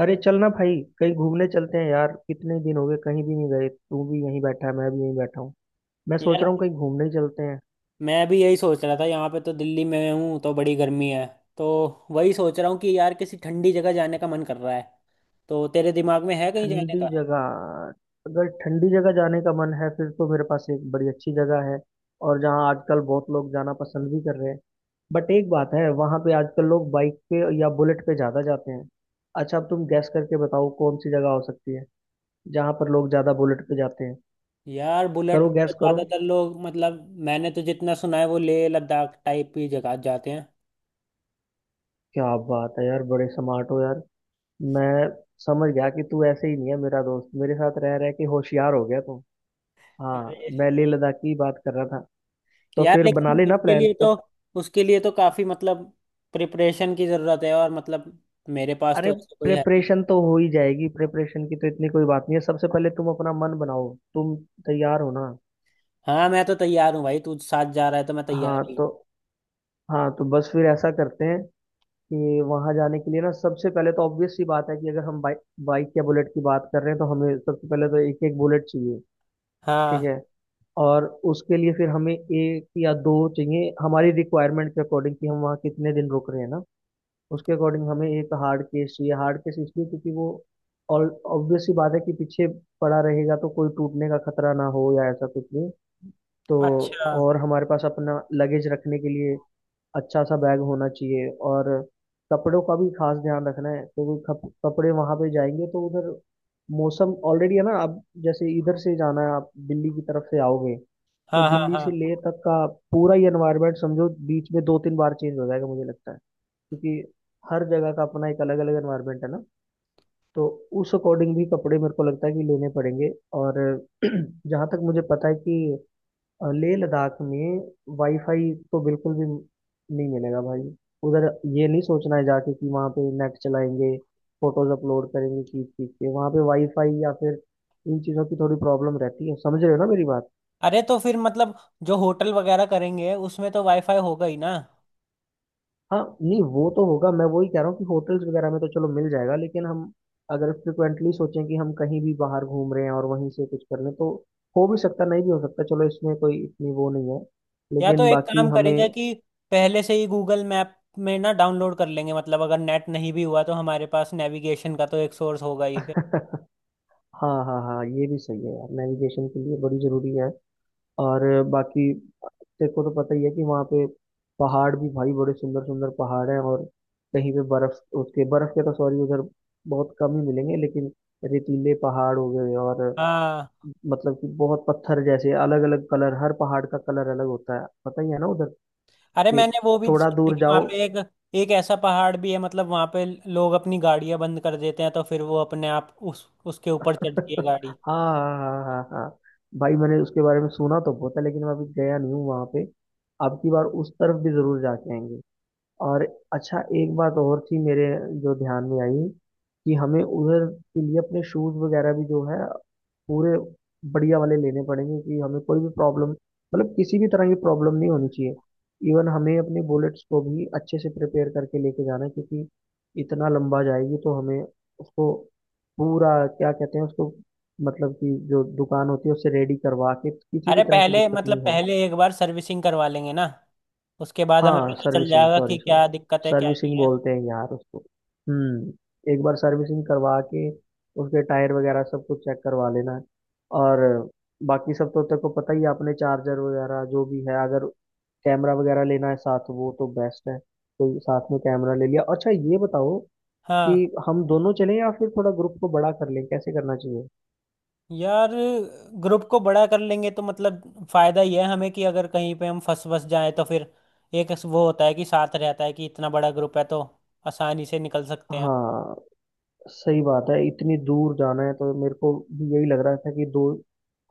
अरे चलना भाई कहीं घूमने चलते हैं यार। कितने दिन हो गए कहीं भी नहीं गए। तू भी यहीं बैठा है, मैं भी यहीं बैठा हूँ। मैं सोच यार रहा हूँ कहीं घूमने ही चलते हैं। मैं भी यही सोच रहा था। यहाँ पे तो दिल्ली में हूँ तो बड़ी गर्मी है। तो वही सोच रहा हूँ कि यार किसी ठंडी जगह जाने का मन कर रहा है। तो तेरे दिमाग में है कहीं जाने ठंडी का? जगह। अगर ठंडी जगह जाने का मन है फिर तो मेरे पास एक बड़ी अच्छी जगह है, और जहाँ आजकल बहुत लोग जाना पसंद भी कर रहे हैं। बट एक बात है, वहाँ पे आजकल लोग बाइक पे या बुलेट पे ज़्यादा जाते हैं। अच्छा अब तुम गैस करके बताओ कौन सी जगह हो सकती है जहाँ पर लोग ज़्यादा बुलेट पे जाते हैं। यार बुलेट करो में तो गैस करो। ज़्यादातर लोग मैंने तो जितना सुना है वो लेह लद्दाख टाइप की जगह जाते हैं। क्या बात है यार, बड़े स्मार्ट हो यार। मैं समझ गया कि तू ऐसे ही नहीं है, मेरा दोस्त मेरे साथ रह रह के होशियार हो गया तू। हाँ अरे मैं लेह लद्दाख की बात कर रहा था। तो यार, फिर बना लेकिन लेना प्लान तब। उसके लिए तो काफ़ी मतलब प्रिपरेशन की ज़रूरत है, और मतलब मेरे पास तो अरे ऐसा कोई है नहीं। प्रिपरेशन तो हो ही जाएगी, प्रिपरेशन की तो इतनी कोई बात नहीं है। सबसे पहले तुम अपना मन बनाओ। तुम तैयार हो ना। हाँ, मैं तो तैयार हूँ भाई, तू साथ जा रहा है तो मैं तैयार हाँ ही हूँ। तो हाँ तो, बस फिर ऐसा करते हैं कि वहाँ जाने के लिए ना सबसे पहले तो ऑब्वियस सी बात है कि अगर हम बाइक बाइक या बुलेट की बात कर रहे हैं तो हमें सबसे पहले तो एक एक बुलेट चाहिए। ठीक हाँ। है। और उसके लिए फिर हमें एक या दो चाहिए हमारी रिक्वायरमेंट के अकॉर्डिंग कि हम वहाँ कितने दिन रुक रहे हैं ना। उसके अकॉर्डिंग हमें एक हार्ड केस चाहिए। हार्ड केस इसलिए क्योंकि वो, और ऑब्वियस सी बात है कि पीछे पड़ा रहेगा तो कोई टूटने का खतरा ना हो या ऐसा कुछ भी। तो अच्छा। और हमारे पास अपना लगेज रखने के लिए अच्छा सा बैग होना चाहिए। और कपड़ों का भी खास ध्यान रखना है क्योंकि कपड़े वहाँ पे जाएंगे तो उधर मौसम ऑलरेडी है ना। आप जैसे इधर से जाना है, आप दिल्ली की तरफ से आओगे, तो हाँ हाँ दिल्ली से हाँ। लेह तक का पूरा ही एनवायरनमेंट समझो बीच में दो तीन बार चेंज हो जाएगा मुझे लगता है, क्योंकि हर जगह का अपना एक अलग अलग एनवायरनमेंट है ना। तो उस अकॉर्डिंग भी कपड़े मेरे को लगता है कि लेने पड़ेंगे। और जहाँ तक मुझे पता है कि लेह लद्दाख में वाईफाई तो बिल्कुल भी नहीं मिलेगा भाई उधर। ये नहीं सोचना है जाके कि वहाँ पे नेट चलाएंगे, फोटोज अपलोड करेंगे खींच खींच के, वहाँ पे वाईफाई या फिर, इन चीज़ों की थोड़ी प्रॉब्लम रहती है, समझ रहे हो ना मेरी बात। अरे तो फिर मतलब जो होटल वगैरह करेंगे उसमें तो वाईफाई होगा ही ना। हाँ नहीं वो तो होगा, मैं वही कह रहा हूँ कि होटल्स वगैरह में तो चलो मिल जाएगा, लेकिन हम अगर फ्रिक्वेंटली सोचें कि हम कहीं भी बाहर घूम रहे हैं और वहीं से कुछ कर लें तो हो भी सकता नहीं भी हो सकता। चलो इसमें कोई इतनी वो नहीं है, या तो लेकिन एक बाकी काम करेंगे हमें, कि पहले से ही गूगल मैप में ना डाउनलोड कर लेंगे, मतलब अगर नेट नहीं भी हुआ तो हमारे पास नेविगेशन का तो एक सोर्स होगा ही फिर। हाँ हाँ हाँ ये भी सही है यार, नेविगेशन के लिए बड़ी ज़रूरी है। और बाकी तेरे को तो पता ही है कि वहाँ पे पहाड़ भी भाई बड़े सुंदर सुंदर पहाड़ हैं, और कहीं पे बर्फ, उसके बर्फ के तो सॉरी उधर बहुत कम ही मिलेंगे, लेकिन रेतीले पहाड़ हो गए, और हाँ। मतलब कि बहुत पत्थर जैसे अलग अलग कलर, हर पहाड़ का कलर अलग होता है, पता ही है ना उधर। अरे कि मैंने वो भी थोड़ा सुना है दूर कि वहाँ जाओ। पे एक एक ऐसा पहाड़ भी है, मतलब वहाँ पे लोग अपनी गाड़ियाँ बंद कर देते हैं तो फिर वो अपने आप उस उसके ऊपर चढ़ती है हाँ गाड़ी। हाँ हाँ हाँ हाँ भाई मैंने उसके बारे में सुना तो बहुत है, लेकिन मैं अभी गया नहीं हूँ वहां पे। अब की बार उस तरफ भी जरूर जाके आएंगे। और अच्छा एक बात और थी मेरे, जो ध्यान में आई, कि हमें उधर के लिए अपने शूज वगैरह भी जो है पूरे बढ़िया वाले लेने पड़ेंगे, कि हमें कोई भी प्रॉब्लम, मतलब किसी भी तरह की प्रॉब्लम नहीं होनी चाहिए। इवन हमें अपने बुलेट्स को भी अच्छे से प्रिपेयर करके लेके जाना है, क्योंकि इतना लंबा जाएगी तो हमें उसको पूरा, क्या कहते हैं उसको, मतलब कि जो दुकान होती है उससे रेडी करवा के, किसी अरे भी तरह की पहले, दिक्कत नहीं हो। पहले एक बार सर्विसिंग करवा लेंगे ना। उसके बाद हमें हाँ पता चल सर्विसिंग, जाएगा सॉरी कि सॉरी, क्या दिक्कत है क्या सर्विसिंग नहीं है। बोलते हैं यार उसको। हम्म, एक बार सर्विसिंग करवा के उसके टायर वगैरह सब कुछ चेक करवा लेना। और बाकी सब तो तेरे को पता ही है, आपने चार्जर वगैरह जो भी है, अगर कैमरा वगैरह लेना है साथ, वो तो बेस्ट है, तो साथ में कैमरा ले लिया। अच्छा ये बताओ कि हाँ। हम दोनों चलें या फिर थोड़ा ग्रुप को बड़ा कर लें, कैसे करना चाहिए। यार ग्रुप को बड़ा कर लेंगे तो मतलब फायदा ये है हमें कि अगर कहीं पे हम फंस फंस जाएं तो फिर एक वो होता है कि साथ रहता है कि इतना बड़ा ग्रुप है तो आसानी से निकल सकते हैं। हाँ सही बात है, इतनी दूर जाना है तो मेरे को भी यही लग रहा था कि दो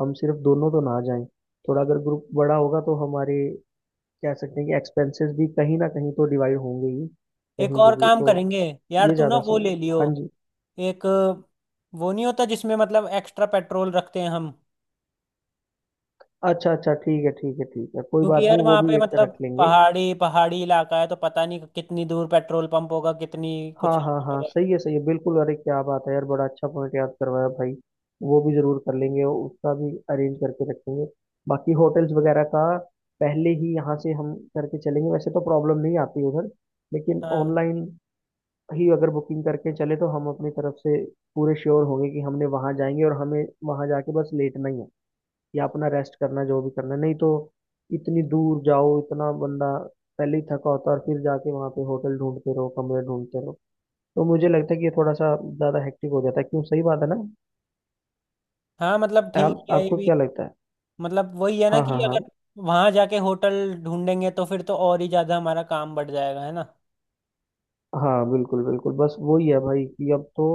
हम सिर्फ दोनों तो ना जाएं। थोड़ा अगर ग्रुप बड़ा होगा तो हमारे, कह सकते हैं कि एक्सपेंसेस भी कहीं ना कहीं तो डिवाइड होंगे ही एक कहीं पे और भी काम तो। करेंगे, यार ये तू ना ज़्यादा वो सही है। ले लियो। हाँ जी। एक वो नहीं होता जिसमें मतलब एक्स्ट्रा पेट्रोल रखते हैं हम। अच्छा अच्छा, ठीक है ठीक है ठीक है, कोई क्योंकि बात नहीं यार वो वहाँ पे भी एक रख मतलब लेंगे। पहाड़ी पहाड़ी इलाका है तो पता नहीं कितनी दूर पेट्रोल पंप होगा, कितनी कुछ हाँ हाँ हाँ होगा। सही है बिल्कुल, अरे क्या बात है यार, बड़ा अच्छा पॉइंट याद करवाया भाई। वो भी जरूर कर लेंगे और उसका भी अरेंज करके रखेंगे। बाकी होटल्स वगैरह का पहले ही यहाँ से हम करके चलेंगे, वैसे तो प्रॉब्लम नहीं आती उधर, लेकिन हाँ ऑनलाइन ही अगर बुकिंग करके चले तो हम अपनी तरफ से पूरे श्योर होंगे कि हमने वहाँ जाएंगे और हमें वहाँ जाके बस लेटना ही है, या अपना रेस्ट करना है, जो भी करना है। नहीं तो इतनी दूर जाओ, इतना बंदा पहले ही थका होता है और फिर जाके वहाँ पे होटल ढूंढते रहो कमरे ढूंढते रहो, तो मुझे लगता है कि ये थोड़ा सा ज़्यादा हेक्टिक हो जाता है, क्यों सही बात है ना। हाँ। मतलब ठीक आप, है ये आपको भी। क्या लगता है। मतलब वही है ना हाँ कि हाँ हाँ, अगर वहां जाके होटल ढूंढेंगे तो फिर तो और ही ज्यादा हमारा काम बढ़ जाएगा, है ना। हाँ बिल्कुल बिल्कुल, बस वही है भाई कि अब तो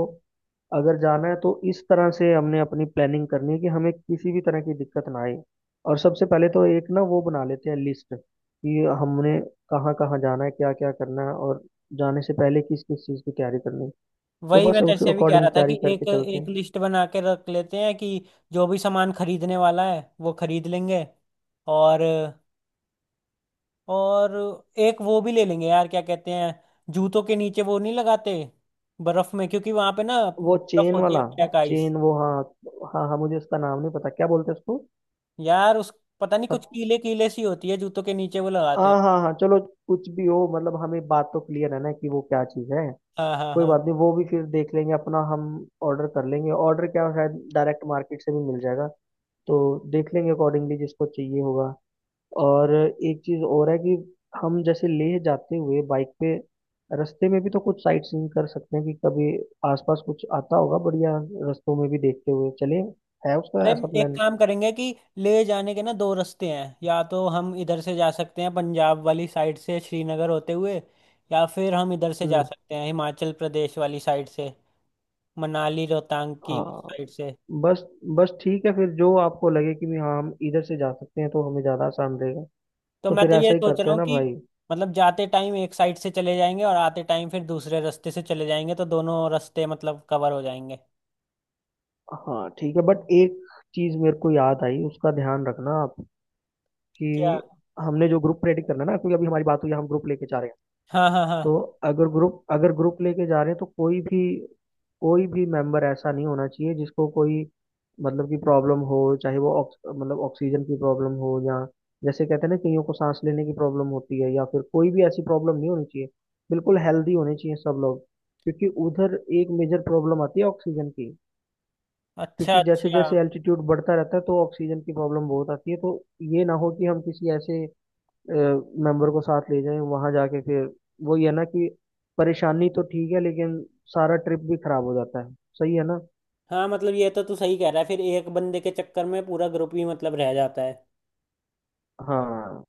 अगर जाना है तो इस तरह से हमने अपनी प्लानिंग करनी है कि हमें किसी भी तरह की दिक्कत ना आए। और सबसे पहले तो एक ना वो बना लेते हैं लिस्ट, कि हमने कहाँ कहाँ जाना है, क्या क्या करना है, और जाने से पहले किस किस चीज़ की तैयारी करनी है। तो वही बस मैं उस तैसे भी कह अकॉर्डिंग रहा था तैयारी कि करके एक चलते एक हैं। लिस्ट बना के रख लेते हैं कि जो भी सामान खरीदने वाला है वो खरीद लेंगे। और और एक वो भी ले लेंगे यार, क्या कहते हैं, जूतों के नीचे वो नहीं लगाते बर्फ में? क्योंकि वहां पे ना वो बर्फ चेन होती है वाला, ब्लैक आइस। चेन वो, हाँ। हाँ हाँ मुझे उसका नाम नहीं पता, क्या बोलते हैं उसको। यार उस पता नहीं कुछ कीले कीले सी होती है, जूतों के नीचे वो लगाते हैं। हाँ हाँ हाँ चलो, कुछ भी हो, मतलब हमें बात तो क्लियर है ना कि वो क्या चीज़ है। हाँ हाँ कोई हाँ। बात नहीं वो भी फिर देख लेंगे अपना हम, ऑर्डर कर लेंगे। ऑर्डर क्या, शायद डायरेक्ट मार्केट से भी मिल जाएगा। तो देख लेंगे अकॉर्डिंगली जिसको चाहिए होगा। और एक चीज़ और है कि हम जैसे लेह जाते हुए बाइक पे रास्ते में भी तो कुछ साइट सीइंग कर सकते हैं, कि कभी आसपास कुछ आता होगा बढ़िया, रास्तों में भी देखते हुए चले, है अरे उसका ऐसा एक प्लान। काम करेंगे कि ले जाने के ना दो रास्ते हैं। या तो हम इधर से जा सकते हैं पंजाब वाली साइड से श्रीनगर होते हुए, या फिर हम इधर से जा हम्म, सकते हैं हिमाचल प्रदेश वाली साइड से, मनाली रोहतांग की हाँ साइड से। बस बस ठीक है फिर, जो आपको लगे कि भी हाँ हम इधर से जा सकते हैं तो हमें ज़्यादा आसान रहेगा। तो तो मैं फिर तो ये ऐसा ही सोच करते रहा हैं हूँ ना कि भाई। मतलब जाते टाइम एक साइड से चले जाएंगे और आते टाइम फिर दूसरे रास्ते से चले जाएंगे, तो दोनों रास्ते मतलब कवर हो जाएंगे। हाँ ठीक है, बट एक चीज़ मेरे को याद आई, उसका ध्यान रखना आप, क्या? कि हमने जो ग्रुप रेडी करना है ना, क्योंकि अभी हमारी बात हुई हम ग्रुप लेके जा रहे हैं, हाँ हाँ हाँ। तो अगर ग्रुप लेके जा रहे हैं तो कोई भी मेंबर ऐसा नहीं होना चाहिए जिसको कोई, मतलब की प्रॉब्लम हो, चाहे वो ऑक्स मतलब ऑक्सीजन की प्रॉब्लम हो, या जैसे कहते हैं ना कईयों को सांस लेने की प्रॉब्लम होती है, या फिर कोई भी ऐसी प्रॉब्लम नहीं होनी चाहिए, बिल्कुल हेल्दी होने चाहिए सब लोग। क्योंकि उधर एक मेजर प्रॉब्लम आती है ऑक्सीजन की, अच्छा क्योंकि जैसे अच्छा। जैसे एल्टीट्यूड बढ़ता रहता है तो ऑक्सीजन की प्रॉब्लम बहुत आती है, तो ये ना हो कि हम किसी ऐसे मेंबर को साथ ले जाएं वहां जाके फिर, वही है ना कि परेशानी तो ठीक है लेकिन सारा ट्रिप भी खराब हो जाता है, सही है ना। हाँ मतलब ये तो तू सही कह रहा है, फिर एक बंदे के चक्कर में पूरा ग्रुप ही मतलब रह जाता है। हाँ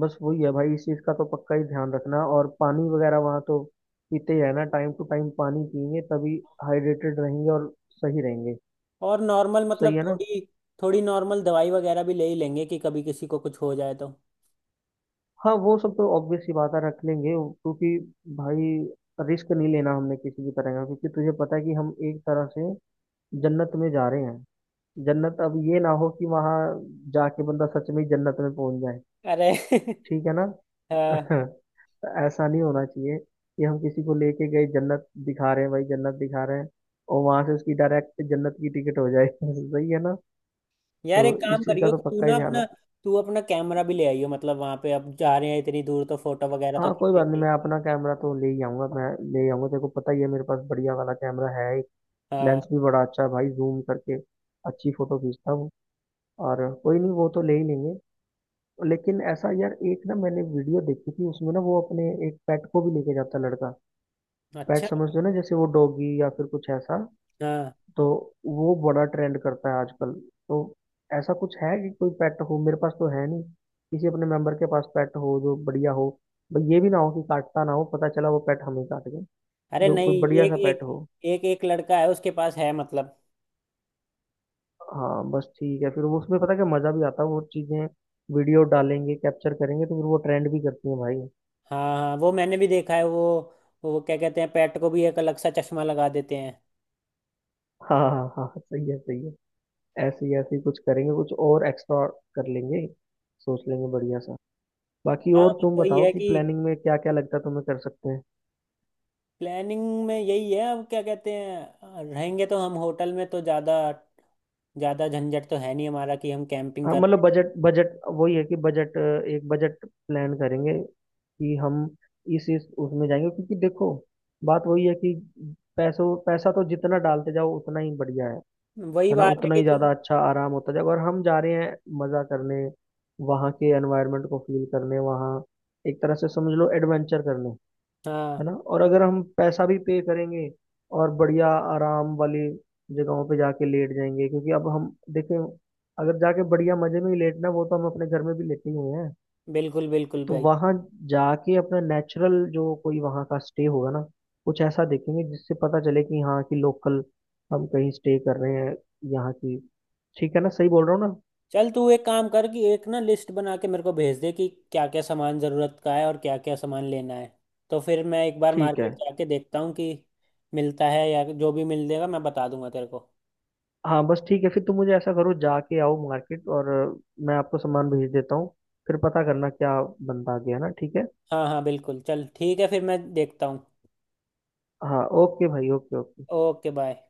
बस वही है भाई, इस चीज का तो पक्का ही ध्यान रखना। और पानी वगैरह वहाँ तो पीते ही रहना, टाइम टू टाइम पानी पिएंगे तभी हाइड्रेटेड रहेंगे और सही रहेंगे, और नॉर्मल, मतलब सही है ना। थोड़ी थोड़ी नॉर्मल दवाई वगैरह भी ले ही लेंगे कि कभी किसी को कुछ हो जाए तो। हाँ वो सब तो ऑब्वियस सी बात है, रख लेंगे, क्योंकि भाई रिस्क नहीं लेना हमने किसी भी तरह का, क्योंकि तुझे पता है कि हम एक तरह से जन्नत में जा रहे हैं। जन्नत, अब ये ना हो कि वहां जाके बंदा सच में ही जन्नत में पहुंच जाए। अरे ठीक है ना। हाँ। तो ऐसा नहीं होना चाहिए कि हम किसी को लेके गए जन्नत दिखा रहे हैं भाई जन्नत दिखा रहे हैं, और वहां से उसकी डायरेक्ट जन्नत की टिकट हो जाए। सही है ना। यार एक तो काम इस चीज का करियो तो कि पक्का ही ध्यान रख। तू अपना कैमरा भी ले आइयो, मतलब वहां पे अब जा रहे हैं इतनी दूर तो फोटो वगैरह तो हाँ कोई बात नहीं, खींचेंगे। मैं अपना कैमरा तो ले ही आऊंगा, मैं ले ही आऊंगा, तेरे को पता ही है मेरे पास बढ़िया वाला कैमरा है। हाँ। लेंस भी बड़ा अच्छा है भाई, जूम करके अच्छी फोटो खींचता हूँ। और कोई नहीं वो तो ले ही लेंगे। लेकिन ऐसा यार, एक ना मैंने वीडियो देखी थी, उसमें ना वो अपने एक पेट को भी लेके जाता लड़का। पेट अच्छा। समझते हो ना, जैसे वो डॉगी या फिर कुछ ऐसा। हाँ। तो वो बड़ा ट्रेंड करता है आजकल, तो ऐसा कुछ है कि कोई पेट हो, मेरे पास तो है नहीं, किसी अपने मेंबर के पास पेट हो जो बढ़िया हो। भाई ये भी ना हो कि काटता ना हो, पता चला वो पेट हमें काट गए। अरे जो नहीं, कोई बढ़िया एक सा पेट एक हो। एक एक लड़का है उसके पास है, मतलब। हाँ बस ठीक है फिर, वो उसमें पता क्या मजा भी आता है, वो चीजें वीडियो डालेंगे कैप्चर करेंगे तो फिर वो ट्रेंड भी करती हैं भाई। हाँ हाँ, वो मैंने भी देखा है। वो क्या कहते हैं, पेट को भी एक अलग सा चश्मा लगा देते हैं। हाँ हाँ हाँ सही है सही है। ऐसे ही कुछ करेंगे, कुछ और एक्स्ट्रा कर लेंगे, सोच लेंगे बढ़िया सा। बाकी हाँ और बस तुम वही बताओ है कि कि प्लानिंग में क्या क्या लगता है, तुम्हें कर सकते हैं। प्लानिंग में यही है। अब क्या कहते हैं, रहेंगे तो हम होटल में तो ज़्यादा ज़्यादा झंझट तो है नहीं हमारा कि हम कैंपिंग हाँ कर मतलब रहे बजट बजट वही है कि बजट एक बजट प्लान करेंगे कि हम इस उसमें जाएंगे, क्योंकि देखो बात वही है कि पैसों पैसा तो जितना डालते जाओ उतना ही बढ़िया है हैं। वही है ना। बात है उतना कि ही तू। ज़्यादा अच्छा आराम होता जाएगा, और हम जा रहे हैं मज़ा करने, वहाँ के एनवायरनमेंट को फील करने, वहाँ एक तरह से समझ लो एडवेंचर करने, हाँ है ना। और अगर हम पैसा भी पे करेंगे और बढ़िया आराम वाली जगहों पे जाके लेट जाएंगे, क्योंकि अब हम देखें, अगर जाके बढ़िया मजे में ही लेटना वो तो हम अपने घर में भी लेते ही हुए हैं। बिल्कुल बिल्कुल तो भाई। वहां जाके अपना नेचुरल जो कोई वहां का स्टे होगा ना, कुछ ऐसा देखेंगे जिससे पता चले कि हाँ कि लोकल हम कहीं स्टे कर रहे हैं, यहाँ की। ठीक है ना, सही बोल रहा हूँ ना। चल तू एक काम कर कि एक ना लिस्ट बना के मेरे को भेज दे कि क्या क्या सामान ज़रूरत का है और क्या क्या सामान लेना है। तो फिर मैं एक बार ठीक है। मार्केट जाके देखता हूँ कि मिलता है, या जो भी मिल देगा मैं बता दूंगा तेरे को। हाँ बस ठीक है फिर तुम मुझे ऐसा करो, जाके आओ मार्केट और मैं आपको सामान भेज देता हूँ, फिर पता करना क्या बनता गया ना, ठीक है। हाँ हाँ बिल्कुल, चल ठीक है फिर मैं देखता हूँ। हाँ ओके भाई, ओके ओके। Okay bye.